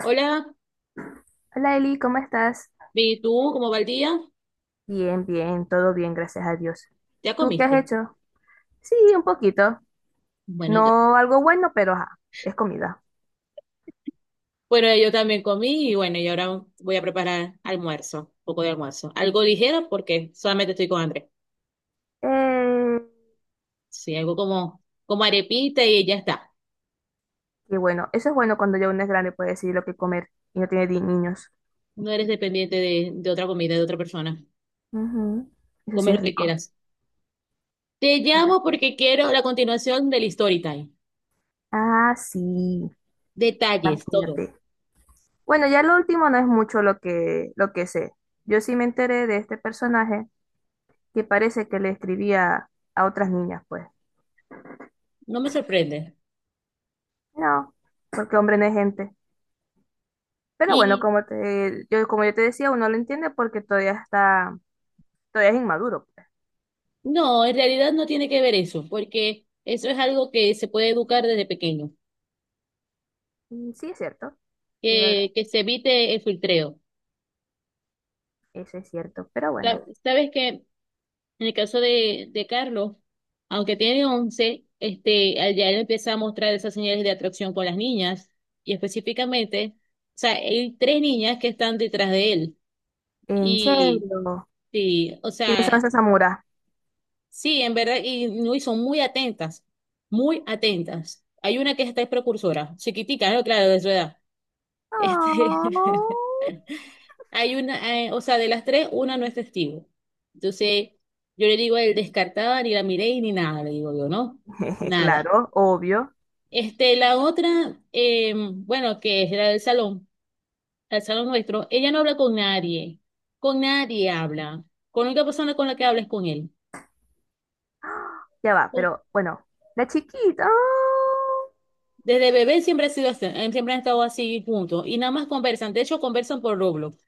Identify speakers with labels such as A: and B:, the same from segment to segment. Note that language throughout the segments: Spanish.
A: Hola,
B: Hola Eli, ¿cómo estás?
A: ¿y tú cómo va el día?
B: Bien, bien, todo bien, gracias a Dios.
A: ¿Ya
B: ¿Tú qué has
A: comiste?
B: hecho? Sí, un poquito.
A: Bueno, yo,
B: No algo bueno, pero ajá, es comida.
A: bueno, yo también comí y bueno, ahora voy a preparar almuerzo, un poco de almuerzo. Algo ligero porque solamente estoy con hambre.
B: Eh,
A: Sí, algo como arepita y ya está.
B: y bueno, eso es bueno cuando ya uno es grande puede decidir lo que comer y no tiene niños.
A: No eres dependiente de otra comida, de otra persona.
B: Ujú. Eso sí
A: Come
B: es
A: lo que
B: rico.
A: quieras. Te llamo porque quiero la continuación del story time.
B: Ah, sí,
A: Detalles, todo.
B: imagínate. Bueno, ya lo último no es mucho lo que sé. Yo sí me enteré de este personaje que parece que le escribía a otras niñas, pues.
A: No me sorprende.
B: No, porque hombre no es gente. Pero bueno,
A: Y
B: como yo te decía, uno lo entiende porque todavía es inmaduro, pues.
A: no, en realidad no tiene que ver eso, porque eso es algo que se puede educar desde pequeño.
B: Mm, sí, es cierto, sí, es verdad,
A: Que se evite el filtreo.
B: eso es cierto. Pero
A: Sa-
B: bueno,
A: Sabes que en el caso de Carlos, aunque tiene 11 este, al ya él empieza a mostrar esas señales de atracción con las niñas, y específicamente, o sea, hay tres niñas que están detrás de él.
B: en serio,
A: Y sí, o
B: ¿quiénes son
A: sea,
B: esas samuras?
A: sí, en verdad, y, no, y son muy atentas, muy atentas. Hay una que está es precursora, chiquitica, ¿no? Claro, de su edad. Este,
B: Oh,
A: Hay una, o sea, de las tres, una no es testigo. Entonces, yo le digo, a él descartaba, ni la miré y ni nada, le digo yo, ¿no? Nada.
B: claro, obvio,
A: La otra, bueno, que es la del salón, el salón nuestro, ella no habla con nadie habla. Con la única persona con la que habla es con él.
B: ya va,
A: Oh,
B: pero bueno, la chiquita, oh,
A: desde bebé siempre ha sido así, siempre han estado así, juntos. Y nada más conversan, de hecho conversan por Roblox,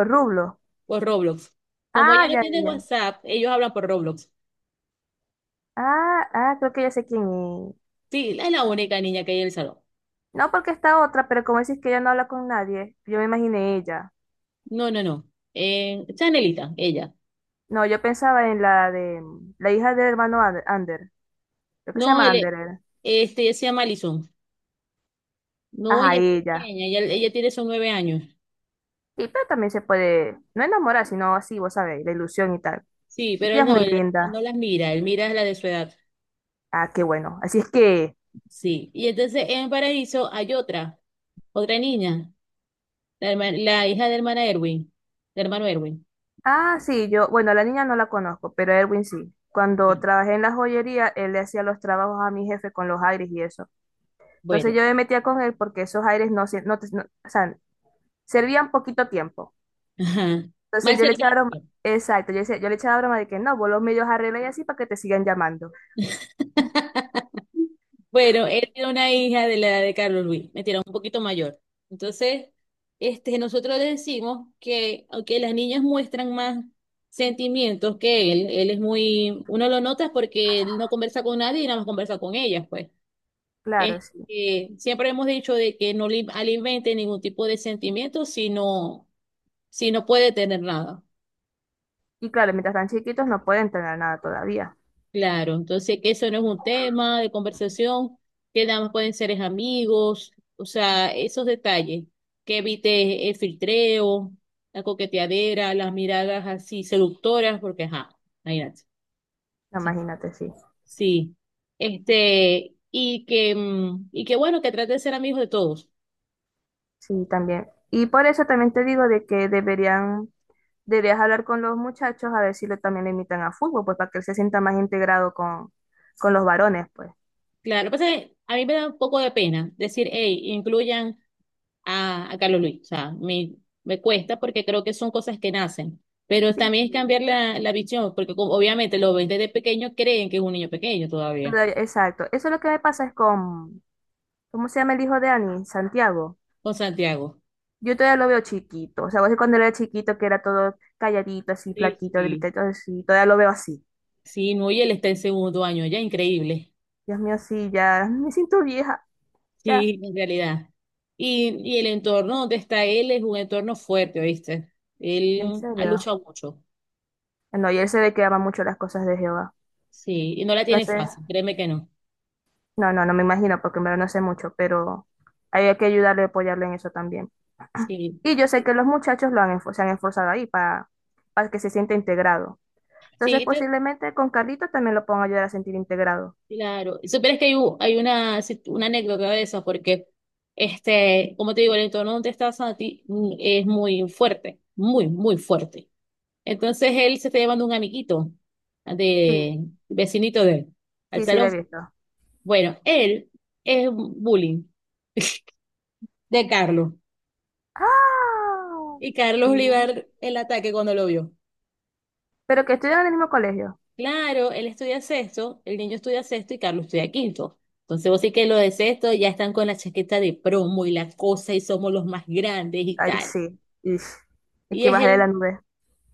B: o Rublo.
A: por Roblox. Como
B: Ah,
A: ella no
B: ya,
A: tiene
B: ya, ya.
A: WhatsApp, ellos hablan por Roblox.
B: Ah, ah, creo que ya sé quién es.
A: Sí, es la única niña que hay en el salón.
B: No porque está otra, pero como decís que ella no habla con nadie, yo me imaginé ella.
A: No, no, no. Chanelita, ella.
B: No, yo pensaba en la hija del hermano Ander, Ander. Creo que se
A: No,
B: llama Ander. Era.
A: ella se llama Alison. No,
B: Ajá,
A: ella es
B: ella.
A: pequeña, ella tiene son 9 años.
B: Y pero también se puede, no enamorar, sino así, vos sabés, la ilusión y tal.
A: Sí,
B: Y
A: pero
B: ella
A: él
B: es
A: no,
B: muy
A: él, él no
B: linda.
A: las mira, él mira a la de su edad.
B: Ah, qué bueno. Así es que,
A: Sí. Y entonces en Paraíso hay otra, otra niña, la hija de hermana Erwin, de hermano Erwin.
B: ah, sí, yo, bueno, la niña no la conozco, pero Erwin sí. Cuando trabajé en la joyería, él le hacía los trabajos a mi jefe con los aires y eso. Entonces
A: Bueno,
B: yo me metía con él porque esos aires no, no, o sea, servían poquito tiempo.
A: ajá.
B: Entonces
A: Mal
B: yo le echaba broma,
A: servicio.
B: exacto, yo, yo le echaba broma de que no, vos los medios arregla y así para que te sigan llamando.
A: Bueno, él era una hija de la de Carlos Luis, me tira un poquito mayor. Entonces, nosotros le decimos que, aunque las niñas muestran más sentimientos que él es muy, uno lo nota porque él no conversa con nadie y nada más conversa con ellas, pues. Es
B: Claro, sí.
A: que siempre hemos dicho de que no le alimente ningún tipo de sentimiento si no, si no puede tener nada.
B: Y claro, mientras están chiquitos no pueden tener nada todavía.
A: Claro, entonces que eso no es un tema de conversación, que nada más pueden ser es amigos, o sea, esos detalles, que evite el filtreo, la coqueteadera, las miradas así seductoras, porque ajá, imagínate.
B: Imagínate, sí.
A: Sí. Este, y que, y que bueno, que trate de ser amigos de todos.
B: Sí, también. Y por eso también te digo de que deberías hablar con los muchachos a ver si lo, también le invitan a fútbol, pues para que él se sienta más integrado con los varones, pues.
A: Claro, lo que pasa es que a mí me da un poco de pena decir, hey, incluyan a Carlos Luis. O sea, me cuesta porque creo que son cosas que nacen. Pero
B: Sí,
A: también
B: sí.
A: es cambiar la visión, porque como obviamente los ven desde pequeño, creen que es un niño pequeño todavía,
B: Pero, exacto. Eso es lo que me pasa es con, ¿cómo se llama el hijo de Ani? Santiago.
A: con Santiago.
B: Yo todavía lo veo chiquito. O sea, vos cuando era chiquito que era todo calladito, así,
A: Sí,
B: flaquito,
A: sí.
B: delicadito, así. Todavía lo veo así.
A: Sí, no, y él está en segundo año, ya increíble.
B: Dios mío, sí, ya me siento vieja. Ya,
A: Sí, en realidad. Y el entorno donde está él es un entorno fuerte, ¿oíste?
B: en
A: Él ha
B: serio.
A: luchado mucho.
B: No, y él se ve que ama mucho las cosas de Jehová.
A: Sí, y no la tiene
B: Entonces,
A: fácil, créeme que no.
B: no, no, no me imagino porque en verdad no sé mucho, pero hay que ayudarle y apoyarle en eso también.
A: Sí.
B: Y yo sé que los muchachos se han esforzado ahí para que se sienta integrado. Entonces,
A: Sí,
B: posiblemente con Carlito también lo puedan ayudar a sentir integrado.
A: claro, y supieras que hay, u- hay una, si- una anécdota de eso, porque, como te digo, el entorno donde estás a ti es muy fuerte, muy, muy fuerte. Entonces él se está llevando un amiguito
B: Sí,
A: de vecinito de él al
B: sí, sí, lo
A: salón.
B: he visto.
A: Bueno, él es bullying de Carlos,
B: Ah,
A: y Carlos le iba a
B: Ujú.
A: dar el ataque cuando lo vio.
B: Pero que estudian en el mismo colegio.
A: Claro, él estudia sexto, el niño estudia sexto y Carlos estudia quinto. Entonces vos sí que lo de sexto ya están con la chaqueta de promo y la cosa y somos los más grandes y
B: Ay,
A: tal.
B: sí. Ish. Es
A: Y
B: que
A: es
B: bajé de la
A: el,
B: nube.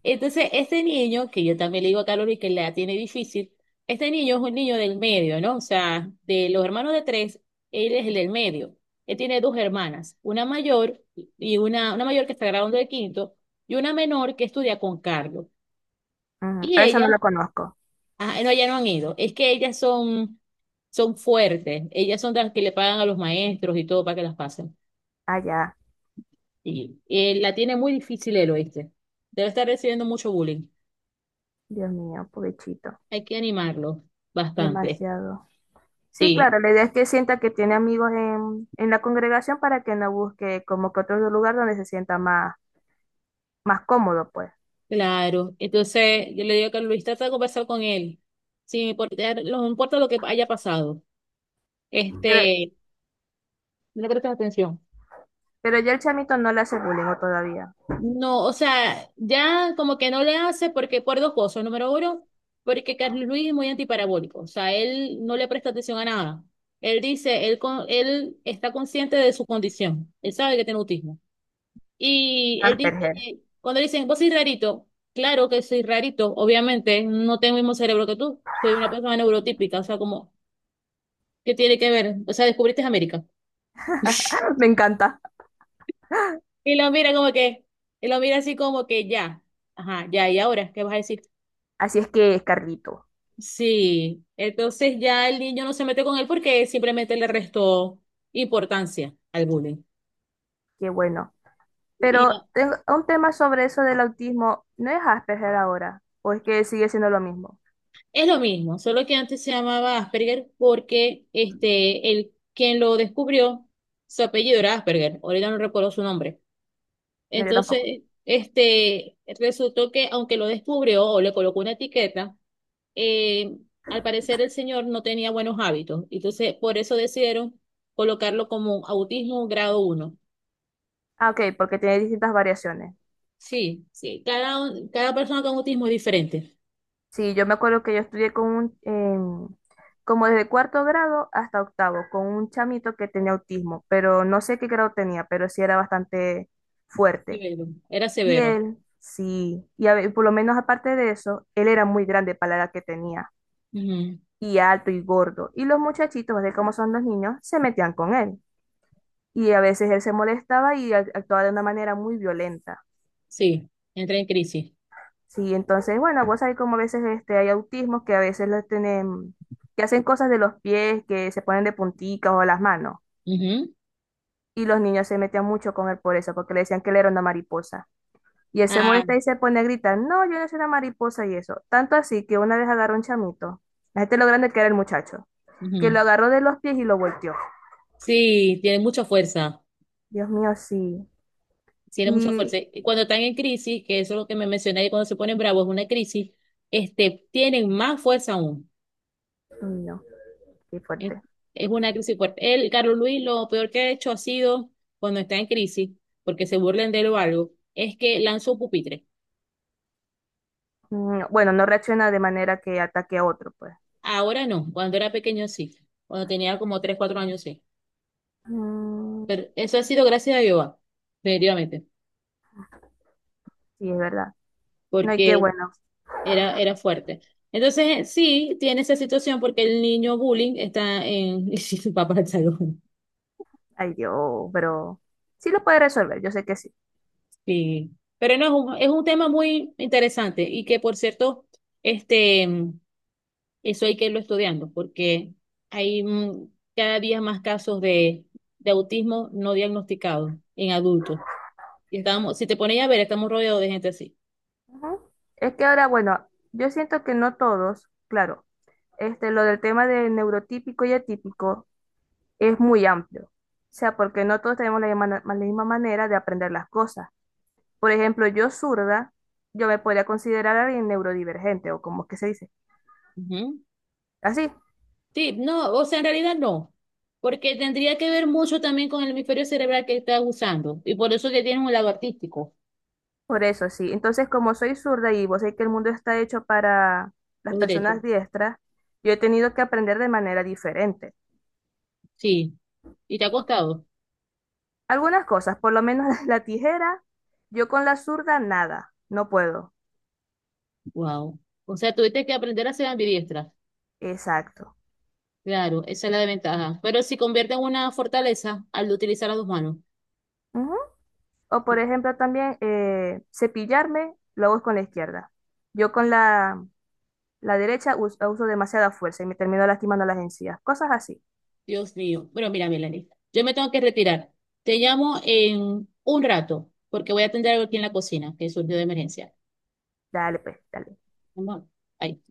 A: entonces este niño, que yo también le digo a Carlos y que la tiene difícil, este niño es un niño del medio, ¿no? O sea, de los hermanos de tres, él es el del medio. Él tiene dos hermanas, una mayor y una mayor que está graduando de quinto y una menor que estudia con Carlos.
B: Ujú.
A: Y
B: A esa
A: ella
B: no la conozco.
A: Ah, no, ya no han ido. Es que ellas son, son fuertes. Ellas son las que le pagan a los maestros y todo para que las pasen.
B: Ah, ya.
A: Y la tiene muy difícil el oíste. Debe estar recibiendo mucho bullying.
B: Dios mío, pobrecito.
A: Hay que animarlo bastante.
B: Demasiado. Sí,
A: Sí,
B: claro, la idea es que sienta que tiene amigos en la congregación para que no busque como que otro lugar donde se sienta más cómodo, pues.
A: claro. Entonces, yo le digo que Luis trata de conversar con él. Sí, porque no importa lo que haya pasado.
B: Pero,
A: Este, no le prestas atención.
B: pero ya el chamito no le hace bullying o todavía.
A: No, o sea, ya como que no le hace porque por dos cosas. Número uno, porque Carlos Luis es muy antiparabólico, o sea, él no le presta atención a nada. Él dice, él está consciente de su condición, él sabe que tiene autismo. Y él dice,
B: Asperger.
A: cuando le dicen, vos sois rarito, claro que soy rarito, obviamente, no tengo el mismo cerebro que tú, soy una persona neurotípica, o sea, como, ¿qué tiene que ver? O sea, descubriste América.
B: Me encanta.
A: Y lo mira como que, y lo mira así como que ya, ajá, ya, ¿y ahora qué vas a decir?
B: Así es que, Carlito,
A: Sí, entonces ya el niño no se mete con él porque simplemente le restó importancia al bullying.
B: qué bueno.
A: Y
B: Pero tengo un tema sobre eso del autismo. ¿No es Asperger ahora? ¿O es que sigue siendo lo mismo?
A: es lo mismo, solo que antes se llamaba Asperger porque este, el, quien lo descubrió, su apellido era Asperger, ahorita no recuerdo su nombre.
B: No, yo tampoco.
A: Entonces, resultó que aunque lo descubrió o le colocó una etiqueta, eh, al parecer el señor no tenía buenos hábitos. Entonces, por eso decidieron colocarlo como autismo grado 1.
B: Ah, ok, porque tiene distintas variaciones.
A: Sí, sí, cada persona con autismo es diferente.
B: Sí, yo me acuerdo que yo estudié como desde cuarto grado hasta octavo, con un chamito que tenía autismo, pero no sé qué grado tenía, pero sí era bastante fuerte.
A: Severo. Era
B: Y
A: severo.
B: él, sí, y por lo menos aparte de eso, él era muy grande para la edad que tenía,
A: Ujú.
B: y alto y gordo. Y los muchachitos, de cómo son los niños, se metían con él. Y a veces él se molestaba y actuaba de una manera muy violenta.
A: Sí, entra en crisis.
B: Sí, entonces, bueno, vos sabés como a veces hay autismos que a veces los tienen, que hacen cosas de los pies, que se ponen de punticas o las manos.
A: Ujú.
B: Y los niños se metían mucho con él por eso, porque le decían que él era una mariposa. Y él se
A: Ah,
B: molesta y se pone a gritar, no, yo no soy una mariposa y eso. Tanto así que una vez agarró un chamito, la gente lo grande que era el muchacho, que
A: ujú.
B: lo agarró de los pies y lo volteó.
A: Sí, tiene mucha fuerza.
B: Dios mío, sí.
A: Tiene mucha
B: Y,
A: fuerza. Y cuando están en crisis, que eso es lo que me mencioné, y cuando se ponen bravos, una crisis, tienen más fuerza aún.
B: uy, no, qué
A: Es,
B: fuerte.
A: es una crisis fuerte. Él, Carlos Luis, lo peor que ha hecho ha sido cuando está en crisis, porque se burlen de él o algo, es que lanzó un pupitre.
B: Mm, bueno, no reacciona de manera que ataque a otro, pues.
A: Ahora no, cuando era pequeño sí, cuando tenía como 3 4 años sí,
B: Mm,
A: pero eso ha sido gracias a Jehová, definitivamente,
B: sí, es verdad. No hay que,
A: porque
B: bueno,
A: era fuerte. Entonces sí, tiene esa situación porque el niño bullying está en su papá del salón.
B: ay Dios, pero sí lo puede resolver, yo sé que sí.
A: Sí. Pero no, es un, tema muy interesante y que por cierto, este, eso hay que irlo estudiando porque hay cada día más casos de autismo no diagnosticado en adultos. Y estábamos, si te pones a ver, estamos rodeados de gente así.
B: Ujú. Es que ahora, bueno, yo siento que no todos, claro, lo del tema de neurotípico y atípico es muy amplio. O sea, porque no todos tenemos la misma manera de aprender las cosas. Por ejemplo, yo zurda, yo me podría considerar alguien neurodivergente, o como que se dice,
A: Ujú.
B: así.
A: Sí, no, o sea, en realidad no, porque tendría que ver mucho también con el hemisferio cerebral que estás usando, y por eso que tienes un lado artístico,
B: Por eso, sí. Entonces, como soy zurda y vos sabés que el mundo está hecho para las
A: los derechos.
B: personas diestras, yo he tenido que aprender de manera diferente.
A: Sí, y te ha costado.
B: Algunas cosas, por lo menos la tijera, yo con la zurda nada, no puedo.
A: Wow. O sea, tuviste que aprender a ser ambidiestra.
B: Exacto.
A: Claro, esa es la desventaja. Pero si convierte en una fortaleza al utilizar las dos manos.
B: Ujú. O por ejemplo también cepillarme, lo hago con la izquierda. Yo con la derecha uso demasiada fuerza y me termino lastimando las encías. Cosas así.
A: Dios mío. Bueno, mira, Melanie, yo me tengo que retirar. Te llamo en un rato porque voy a atender algo aquí en la cocina que surgió de emergencia.
B: Dale, pues, dale.
A: Vamos, bye.